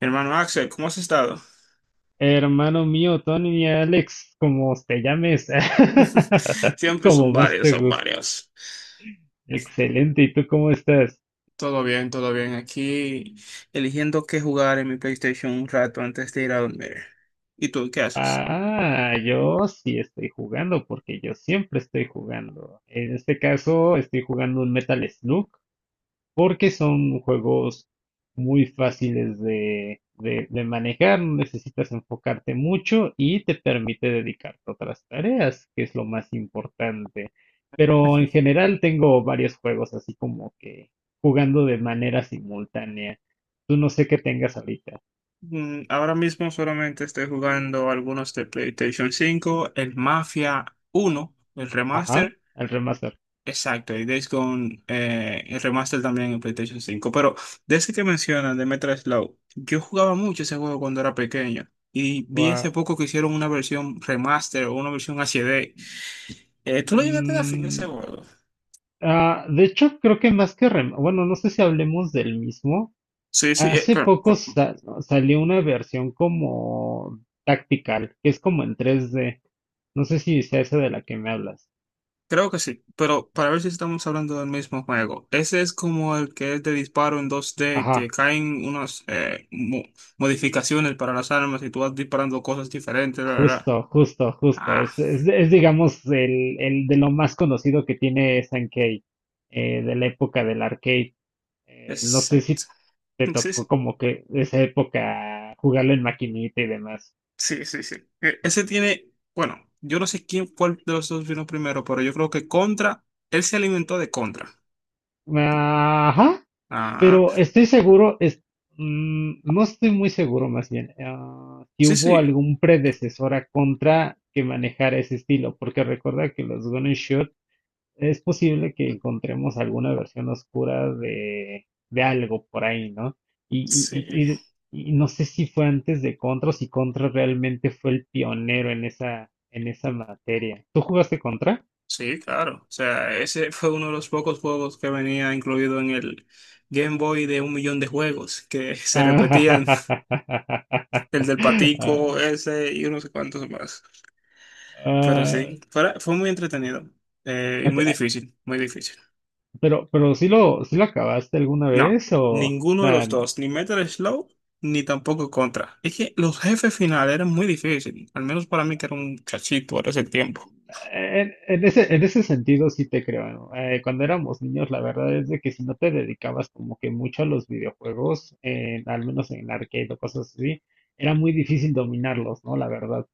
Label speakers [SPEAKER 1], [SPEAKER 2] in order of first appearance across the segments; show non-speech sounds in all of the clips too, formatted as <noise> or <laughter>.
[SPEAKER 1] Hermano Axel, ¿cómo has estado?
[SPEAKER 2] Hermano mío, Tony, Alex, como te llames,
[SPEAKER 1] <laughs>
[SPEAKER 2] <laughs>
[SPEAKER 1] Siempre son
[SPEAKER 2] como más
[SPEAKER 1] varios,
[SPEAKER 2] te
[SPEAKER 1] son
[SPEAKER 2] guste.
[SPEAKER 1] varios.
[SPEAKER 2] Excelente, ¿y tú cómo estás?
[SPEAKER 1] Todo bien, todo bien. Aquí eligiendo qué jugar en mi PlayStation un rato antes de ir a dormir. ¿Y tú qué haces?
[SPEAKER 2] Ah, yo sí estoy jugando porque yo siempre estoy jugando. En este caso estoy jugando un Metal Slug, porque son juegos muy fáciles de manejar, no necesitas enfocarte mucho y te permite dedicarte a otras tareas, que es lo más importante. Pero en general tengo varios juegos así como que jugando de manera simultánea. Tú no sé qué tengas ahorita.
[SPEAKER 1] Ahora mismo solamente estoy jugando algunos de PlayStation 5, el Mafia 1, el
[SPEAKER 2] Ajá,
[SPEAKER 1] remaster.
[SPEAKER 2] el remaster.
[SPEAKER 1] Exacto, y Days Gone, el remaster también en PlayStation 5. Pero de ese que mencionas, de Metal Slug, yo jugaba mucho ese juego cuando era pequeño. Y vi hace
[SPEAKER 2] Gua-
[SPEAKER 1] poco que hicieron una versión remaster o una versión HD. ¿Tú lo llegaste a dar fin a ese
[SPEAKER 2] Mm,
[SPEAKER 1] juego?
[SPEAKER 2] de hecho, creo que más que rem, bueno, no sé si hablemos del mismo.
[SPEAKER 1] Sí, sí,
[SPEAKER 2] Hace poco salió una versión como tactical, que es como en 3D. No sé si sea esa de la que me hablas.
[SPEAKER 1] creo que sí. Pero para ver si estamos hablando del mismo juego. Ese es como el que es de disparo en 2D, que
[SPEAKER 2] Ajá,
[SPEAKER 1] caen unas modificaciones para las armas y tú vas disparando cosas diferentes, la verdad.
[SPEAKER 2] justo, justo, justo.
[SPEAKER 1] Ah,
[SPEAKER 2] Es, digamos, el de lo más conocido que tiene Sankey, de la época del arcade. No sé
[SPEAKER 1] exacto.
[SPEAKER 2] si te
[SPEAKER 1] <laughs> Sí,
[SPEAKER 2] tocó
[SPEAKER 1] sí.
[SPEAKER 2] como que esa época jugarlo en maquinita y demás.
[SPEAKER 1] Sí, sí, sí. Ese tiene, bueno, yo no sé quién, cuál de los dos vino primero, pero yo creo que Contra, él se alimentó de Contra.
[SPEAKER 2] Ajá,
[SPEAKER 1] Ah,
[SPEAKER 2] pero estoy seguro, no estoy muy seguro más bien, ah, si
[SPEAKER 1] sí,
[SPEAKER 2] hubo
[SPEAKER 1] sí.
[SPEAKER 2] algún
[SPEAKER 1] Eh,
[SPEAKER 2] predecesor a Contra que manejara ese estilo, porque recuerda que los Gun Shot, es posible que encontremos alguna versión oscura de algo por ahí, ¿no?
[SPEAKER 1] sí,
[SPEAKER 2] Y, y- y- y- y no sé si fue antes de Contra o si Contra realmente fue el pionero en esa materia. ¿Tú jugaste Contra?
[SPEAKER 1] sí, claro. O sea, ese fue uno de los pocos juegos que venía incluido en el Game Boy, de un millón de juegos que
[SPEAKER 2] <laughs>
[SPEAKER 1] se repetían, <laughs>
[SPEAKER 2] Ah, ah,
[SPEAKER 1] el del
[SPEAKER 2] ah,
[SPEAKER 1] patico, ese y unos cuantos más.
[SPEAKER 2] ah,
[SPEAKER 1] Pero sí,
[SPEAKER 2] ah,
[SPEAKER 1] fue, fue muy entretenido y muy
[SPEAKER 2] ah.
[SPEAKER 1] difícil, muy difícil.
[SPEAKER 2] Pero, sí lo acabaste alguna
[SPEAKER 1] No,
[SPEAKER 2] vez o
[SPEAKER 1] ninguno de
[SPEAKER 2] nah,
[SPEAKER 1] los dos, ni Metal Slow, ni tampoco Contra. Es que los jefes finales eran muy difíciles, al menos para mí que era un chachito ahora ese tiempo.
[SPEAKER 2] en ese sentido sí te creo, ¿no? Cuando éramos niños, la verdad es de que si no te dedicabas como que mucho a los videojuegos, al menos en arcade o cosas así, era muy difícil dominarlos, ¿no? La verdad.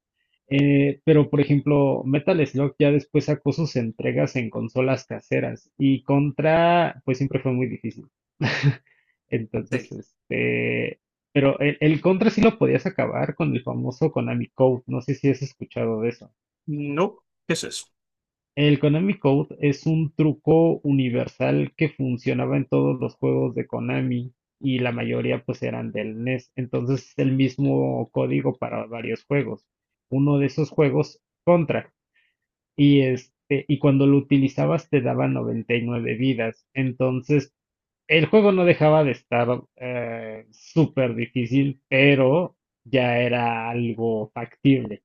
[SPEAKER 2] Pero por ejemplo, Metal Slug ya después sacó sus entregas en consolas caseras y Contra, pues siempre fue muy difícil. <laughs> Entonces,
[SPEAKER 1] Sí.
[SPEAKER 2] pero el Contra sí lo podías acabar con el famoso Konami Code. No sé si has escuchado de eso.
[SPEAKER 1] No, ¿qué es eso?
[SPEAKER 2] El Konami Code es un truco universal que funcionaba en todos los juegos de Konami y la mayoría pues eran del NES. Entonces, es el mismo código para varios juegos. Uno de esos juegos, Contra. Y cuando lo utilizabas te daba 99 vidas. Entonces, el juego no dejaba de estar súper difícil, pero ya era algo factible.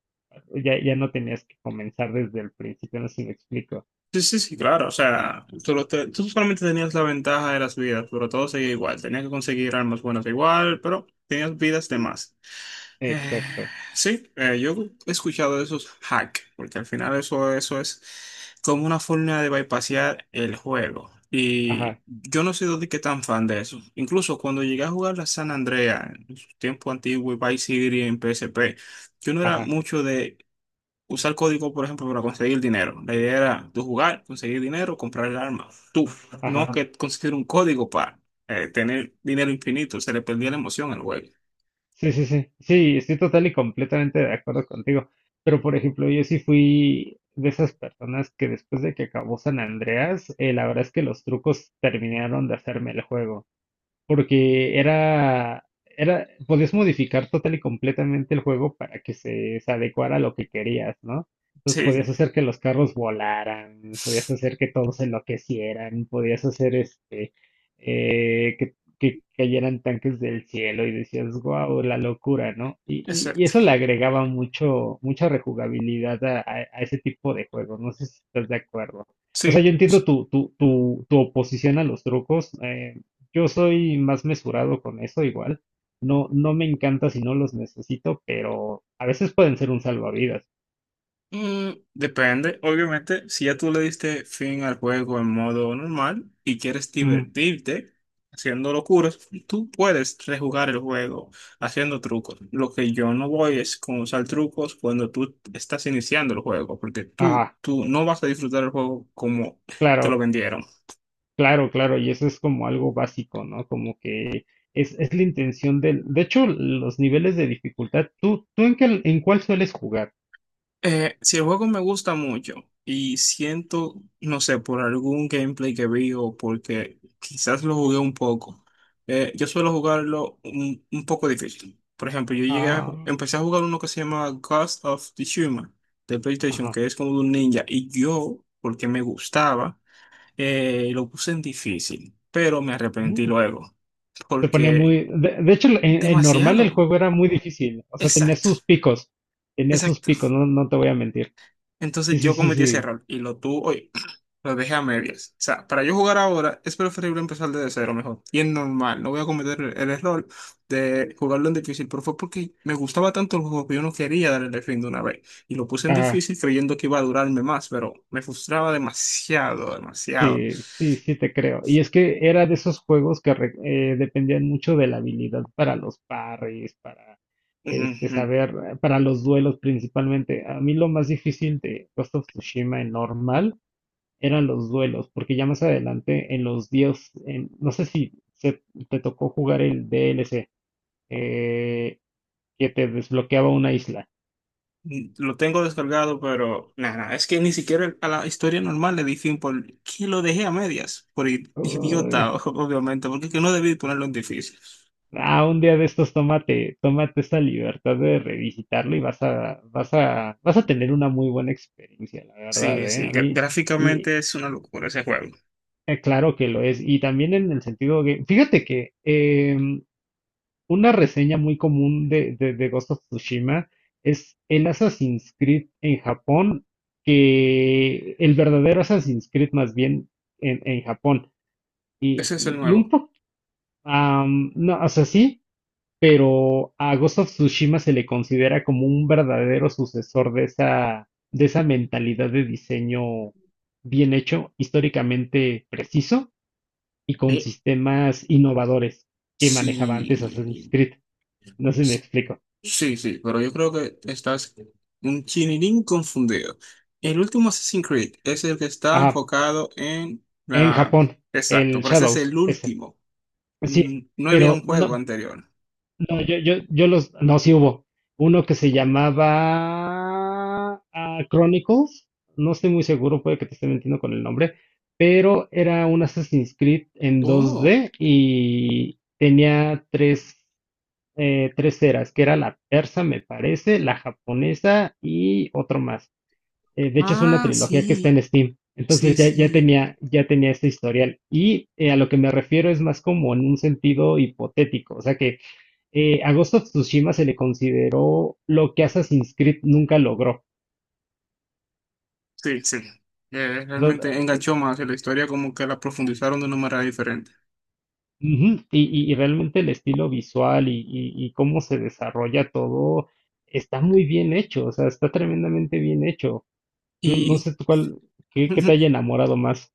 [SPEAKER 2] Ya, ya no tenías que comenzar desde el principio, no sé si me explico.
[SPEAKER 1] Sí, sí, sí, claro, o sea, tú, tú solamente tenías la ventaja de las vidas, pero todo seguía igual, tenías que conseguir armas buenas igual, pero tenías vidas de más. Eh,
[SPEAKER 2] Exacto.
[SPEAKER 1] sí, yo he escuchado de esos hacks, porque al final eso, eso es como una forma de bypassear el juego. Y
[SPEAKER 2] Ajá,
[SPEAKER 1] yo no soy de que tan fan de eso. Incluso cuando llegué a jugar la San Andrea en su tiempo antiguo y Vice City en PSP, yo no era
[SPEAKER 2] ajá,
[SPEAKER 1] mucho de usar código, por ejemplo, para conseguir dinero. La idea era tú jugar, conseguir dinero, comprar el arma. Tú, no
[SPEAKER 2] ajá.
[SPEAKER 1] que conseguir un código para tener dinero infinito. Se le perdía la emoción al juego.
[SPEAKER 2] Sí, sí, sí, sí, estoy total y completamente de acuerdo contigo. Pero, por ejemplo, yo sí fui de esas personas que después de que acabó San Andreas, la verdad es que los trucos terminaron de hacerme el juego porque era, podías modificar total y completamente el juego para que se adecuara a lo que querías, ¿no? Entonces podías
[SPEAKER 1] Sí,
[SPEAKER 2] hacer que los carros volaran, podías
[SPEAKER 1] sí.
[SPEAKER 2] hacer que todos enloquecieran, podías hacer que cayeran tanques del cielo y decías, wow, la locura, ¿no? Y
[SPEAKER 1] Exacto.
[SPEAKER 2] eso le agregaba mucho, mucha rejugabilidad a, a ese tipo de juegos, no sé si estás de acuerdo. O
[SPEAKER 1] Sí.
[SPEAKER 2] sea, yo entiendo tu oposición a los trucos, yo soy más mesurado con eso igual. No, no me encanta si no los necesito, pero a veces pueden ser un salvavidas.
[SPEAKER 1] Mm, depende. Obviamente, si ya tú le diste fin al juego en modo normal y quieres
[SPEAKER 2] Mm,
[SPEAKER 1] divertirte haciendo locuras, tú puedes rejugar el juego haciendo trucos. Lo que yo no voy es con usar trucos cuando tú estás iniciando el juego, porque tú,
[SPEAKER 2] ah,
[SPEAKER 1] tú no vas a disfrutar el juego como te lo
[SPEAKER 2] claro,
[SPEAKER 1] vendieron.
[SPEAKER 2] claro, claro. Y eso es como algo básico, ¿no? Como que es la intención del... De hecho, los niveles de dificultad, ¿tú, tú en qué, en cuál sueles jugar?
[SPEAKER 1] Si el juego me gusta mucho y siento, no sé, por algún gameplay que vi o porque quizás lo jugué un poco, yo suelo jugarlo un poco difícil. Por ejemplo, yo llegué a,
[SPEAKER 2] Ah,
[SPEAKER 1] ju- empecé a jugar uno que se llama Ghost of Tsushima de PlayStation,
[SPEAKER 2] ajá.
[SPEAKER 1] que es como de un ninja, y yo, porque me gustaba, lo puse en difícil, pero me arrepentí
[SPEAKER 2] mm,
[SPEAKER 1] luego,
[SPEAKER 2] Se ponía
[SPEAKER 1] porque
[SPEAKER 2] muy... De hecho, en normal el
[SPEAKER 1] demasiado.
[SPEAKER 2] juego era muy difícil. O sea, tenía
[SPEAKER 1] Exacto,
[SPEAKER 2] sus picos. Tenía sus
[SPEAKER 1] exacto.
[SPEAKER 2] picos, no, no te voy a mentir. Sí,
[SPEAKER 1] Entonces
[SPEAKER 2] sí,
[SPEAKER 1] yo
[SPEAKER 2] sí,
[SPEAKER 1] cometí ese
[SPEAKER 2] sí.
[SPEAKER 1] error y lo tuve. Lo dejé a medias. O sea, para yo jugar ahora es preferible empezar desde cero mejor. Y es normal, no voy a cometer el error de jugarlo en difícil, pero fue porque me gustaba tanto el juego que yo no quería darle el fin de una vez. Y lo puse en difícil creyendo que iba a durarme más, pero me frustraba demasiado, demasiado.
[SPEAKER 2] Sí, sí, sí te creo. Y es que era de esos juegos que dependían mucho de la habilidad para los parries, para
[SPEAKER 1] Ujú.
[SPEAKER 2] para los duelos principalmente. A mí lo más difícil de Ghost of Tsushima en normal eran los duelos, porque ya más adelante en los dios, no sé si te tocó jugar el DLC, eh, que te desbloqueaba una isla.
[SPEAKER 1] Lo tengo descargado, pero nada, es que ni siquiera a la historia normal le di fin por que lo dejé a medias, por idiota, <laughs> obviamente, porque es que no debí ponerlo en difícil.
[SPEAKER 2] Ah, un día de estos tómate, tómate esta libertad de revisitarlo y vas a tener una muy buena experiencia, la verdad,
[SPEAKER 1] Sí,
[SPEAKER 2] ¿eh?
[SPEAKER 1] sí,
[SPEAKER 2] A mí, y
[SPEAKER 1] gráficamente es una locura ese juego.
[SPEAKER 2] claro que lo es. Y también en el sentido que, fíjate que una reseña muy común de Ghost of Tsushima es el Assassin's Creed en Japón, que el verdadero Assassin's Creed más bien en Japón. Y,
[SPEAKER 1] Ese es el
[SPEAKER 2] y, y un
[SPEAKER 1] nuevo.
[SPEAKER 2] poco, no, o sea, sí, pero a Ghost of Tsushima se le considera como un verdadero sucesor de esa mentalidad de diseño bien hecho, históricamente preciso y con
[SPEAKER 1] Sí.
[SPEAKER 2] sistemas innovadores que
[SPEAKER 1] Sí,
[SPEAKER 2] manejaba antes Assassin's Creed. No sé si me explico.
[SPEAKER 1] sí, sí, pero yo creo que estás un chinirín confundido. El último Assassin's Creed es el que está
[SPEAKER 2] Ajá,
[SPEAKER 1] enfocado en
[SPEAKER 2] en
[SPEAKER 1] la...
[SPEAKER 2] Japón,
[SPEAKER 1] Exacto,
[SPEAKER 2] el
[SPEAKER 1] pero ese es
[SPEAKER 2] Shadows,
[SPEAKER 1] el
[SPEAKER 2] ese.
[SPEAKER 1] último.
[SPEAKER 2] Sí,
[SPEAKER 1] No había
[SPEAKER 2] pero
[SPEAKER 1] un juego
[SPEAKER 2] no,
[SPEAKER 1] anterior.
[SPEAKER 2] no, yo los, no, sí hubo. Uno que se llamaba Chronicles, no estoy muy seguro, puede que te esté mintiendo con el nombre, pero era un Assassin's Creed en
[SPEAKER 1] Oh,
[SPEAKER 2] 2D y tenía tres, tres eras, que era la persa, me parece, la japonesa y otro más. De hecho, es una
[SPEAKER 1] ah,
[SPEAKER 2] trilogía que está
[SPEAKER 1] sí,
[SPEAKER 2] en Steam.
[SPEAKER 1] sí,
[SPEAKER 2] Entonces ya,
[SPEAKER 1] sí,
[SPEAKER 2] ya tenía este historial. Y a lo que me refiero es más como en un sentido hipotético. O sea que a Ghost of Tsushima se le consideró lo que Assassin's Creed nunca logró.
[SPEAKER 1] sí, sí.
[SPEAKER 2] Lo-
[SPEAKER 1] Realmente enganchó más y la historia, como que la profundizaron de una manera diferente.
[SPEAKER 2] Ujú, y, y realmente el estilo visual y, y cómo se desarrolla todo está muy bien hecho, o sea, está tremendamente bien hecho. No, no
[SPEAKER 1] Y...
[SPEAKER 2] sé tú cuál, qué, qué te haya
[SPEAKER 1] <laughs>
[SPEAKER 2] enamorado más.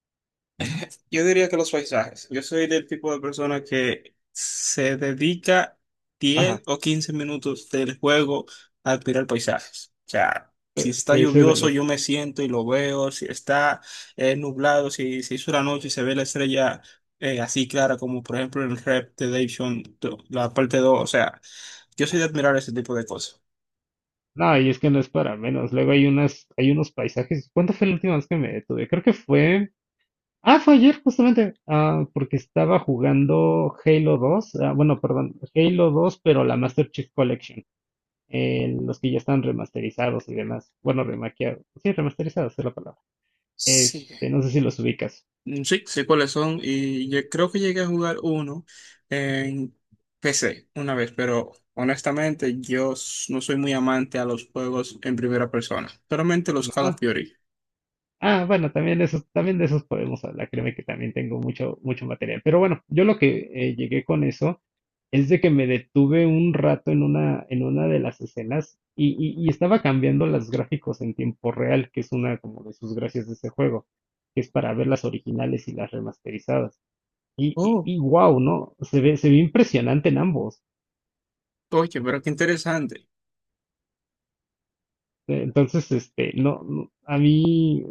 [SPEAKER 1] Yo diría que los paisajes. Yo soy del tipo de persona que se dedica diez
[SPEAKER 2] Ajá,
[SPEAKER 1] o quince minutos del juego a admirar paisajes. O sea, si está
[SPEAKER 2] ese de
[SPEAKER 1] lluvioso, yo
[SPEAKER 2] los...
[SPEAKER 1] me siento y lo veo. Si está nublado, si se hizo la noche y se ve la estrella así clara, como por ejemplo en Red Dead Redemption, la parte 2. O sea, yo soy de admirar ese tipo de cosas.
[SPEAKER 2] No, y es que no es para menos. Luego hay unas, hay unos paisajes. ¿Cuándo fue la última vez que me detuve? Creo que fue... Ah, fue ayer justamente, ah, porque estaba jugando Halo 2, ah, bueno, perdón, Halo 2, pero la Master Chief Collection, los que ya están remasterizados y demás, bueno, remaqueados, sí, remasterizados es la palabra,
[SPEAKER 1] Sí.
[SPEAKER 2] no sé si los ubicas,
[SPEAKER 1] Sí, sé cuáles son y yo creo que llegué a jugar uno en PC una vez, pero honestamente no soy muy amante a los juegos en primera persona, solamente los Call of
[SPEAKER 2] ¿no?
[SPEAKER 1] Duty.
[SPEAKER 2] Ah, bueno, también de esos podemos hablar. Créeme que también tengo mucho, mucho material. Pero bueno, yo lo que llegué con eso es de que me detuve un rato en una de las escenas y, y estaba cambiando los gráficos en tiempo real, que es una como de sus gracias de ese juego, que es para ver las originales y las remasterizadas.
[SPEAKER 1] Oh,
[SPEAKER 2] Y, wow, ¿no? Se ve impresionante en ambos.
[SPEAKER 1] oye, pero qué interesante.
[SPEAKER 2] Entonces, no, no, a mí,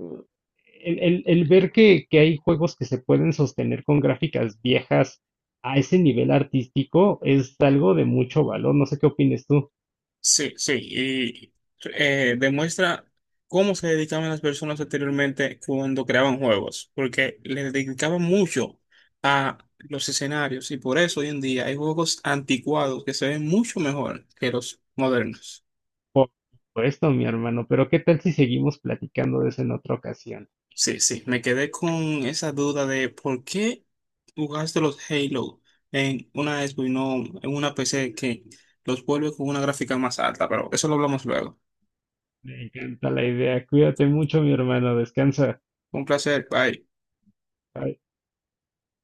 [SPEAKER 2] el, el ver que hay juegos que se pueden sostener con gráficas viejas a ese nivel artístico es algo de mucho valor. No sé qué opines tú.
[SPEAKER 1] Sí, sí, y demuestra cómo se dedicaban las personas anteriormente cuando creaban juegos, porque le dedicaban mucho a los escenarios y por eso hoy en día hay juegos anticuados que se ven mucho mejor que los modernos.
[SPEAKER 2] Por supuesto, mi hermano, pero ¿qué tal si seguimos platicando de eso en otra ocasión?
[SPEAKER 1] Sí, sí, me quedé con esa duda de por qué jugaste los Halo en una Xbox y no en una PC que los vuelve con una gráfica más alta, pero eso lo hablamos luego.
[SPEAKER 2] Me encanta la idea. Cuídate mucho, mi hermano. Descansa.
[SPEAKER 1] Un placer, bye.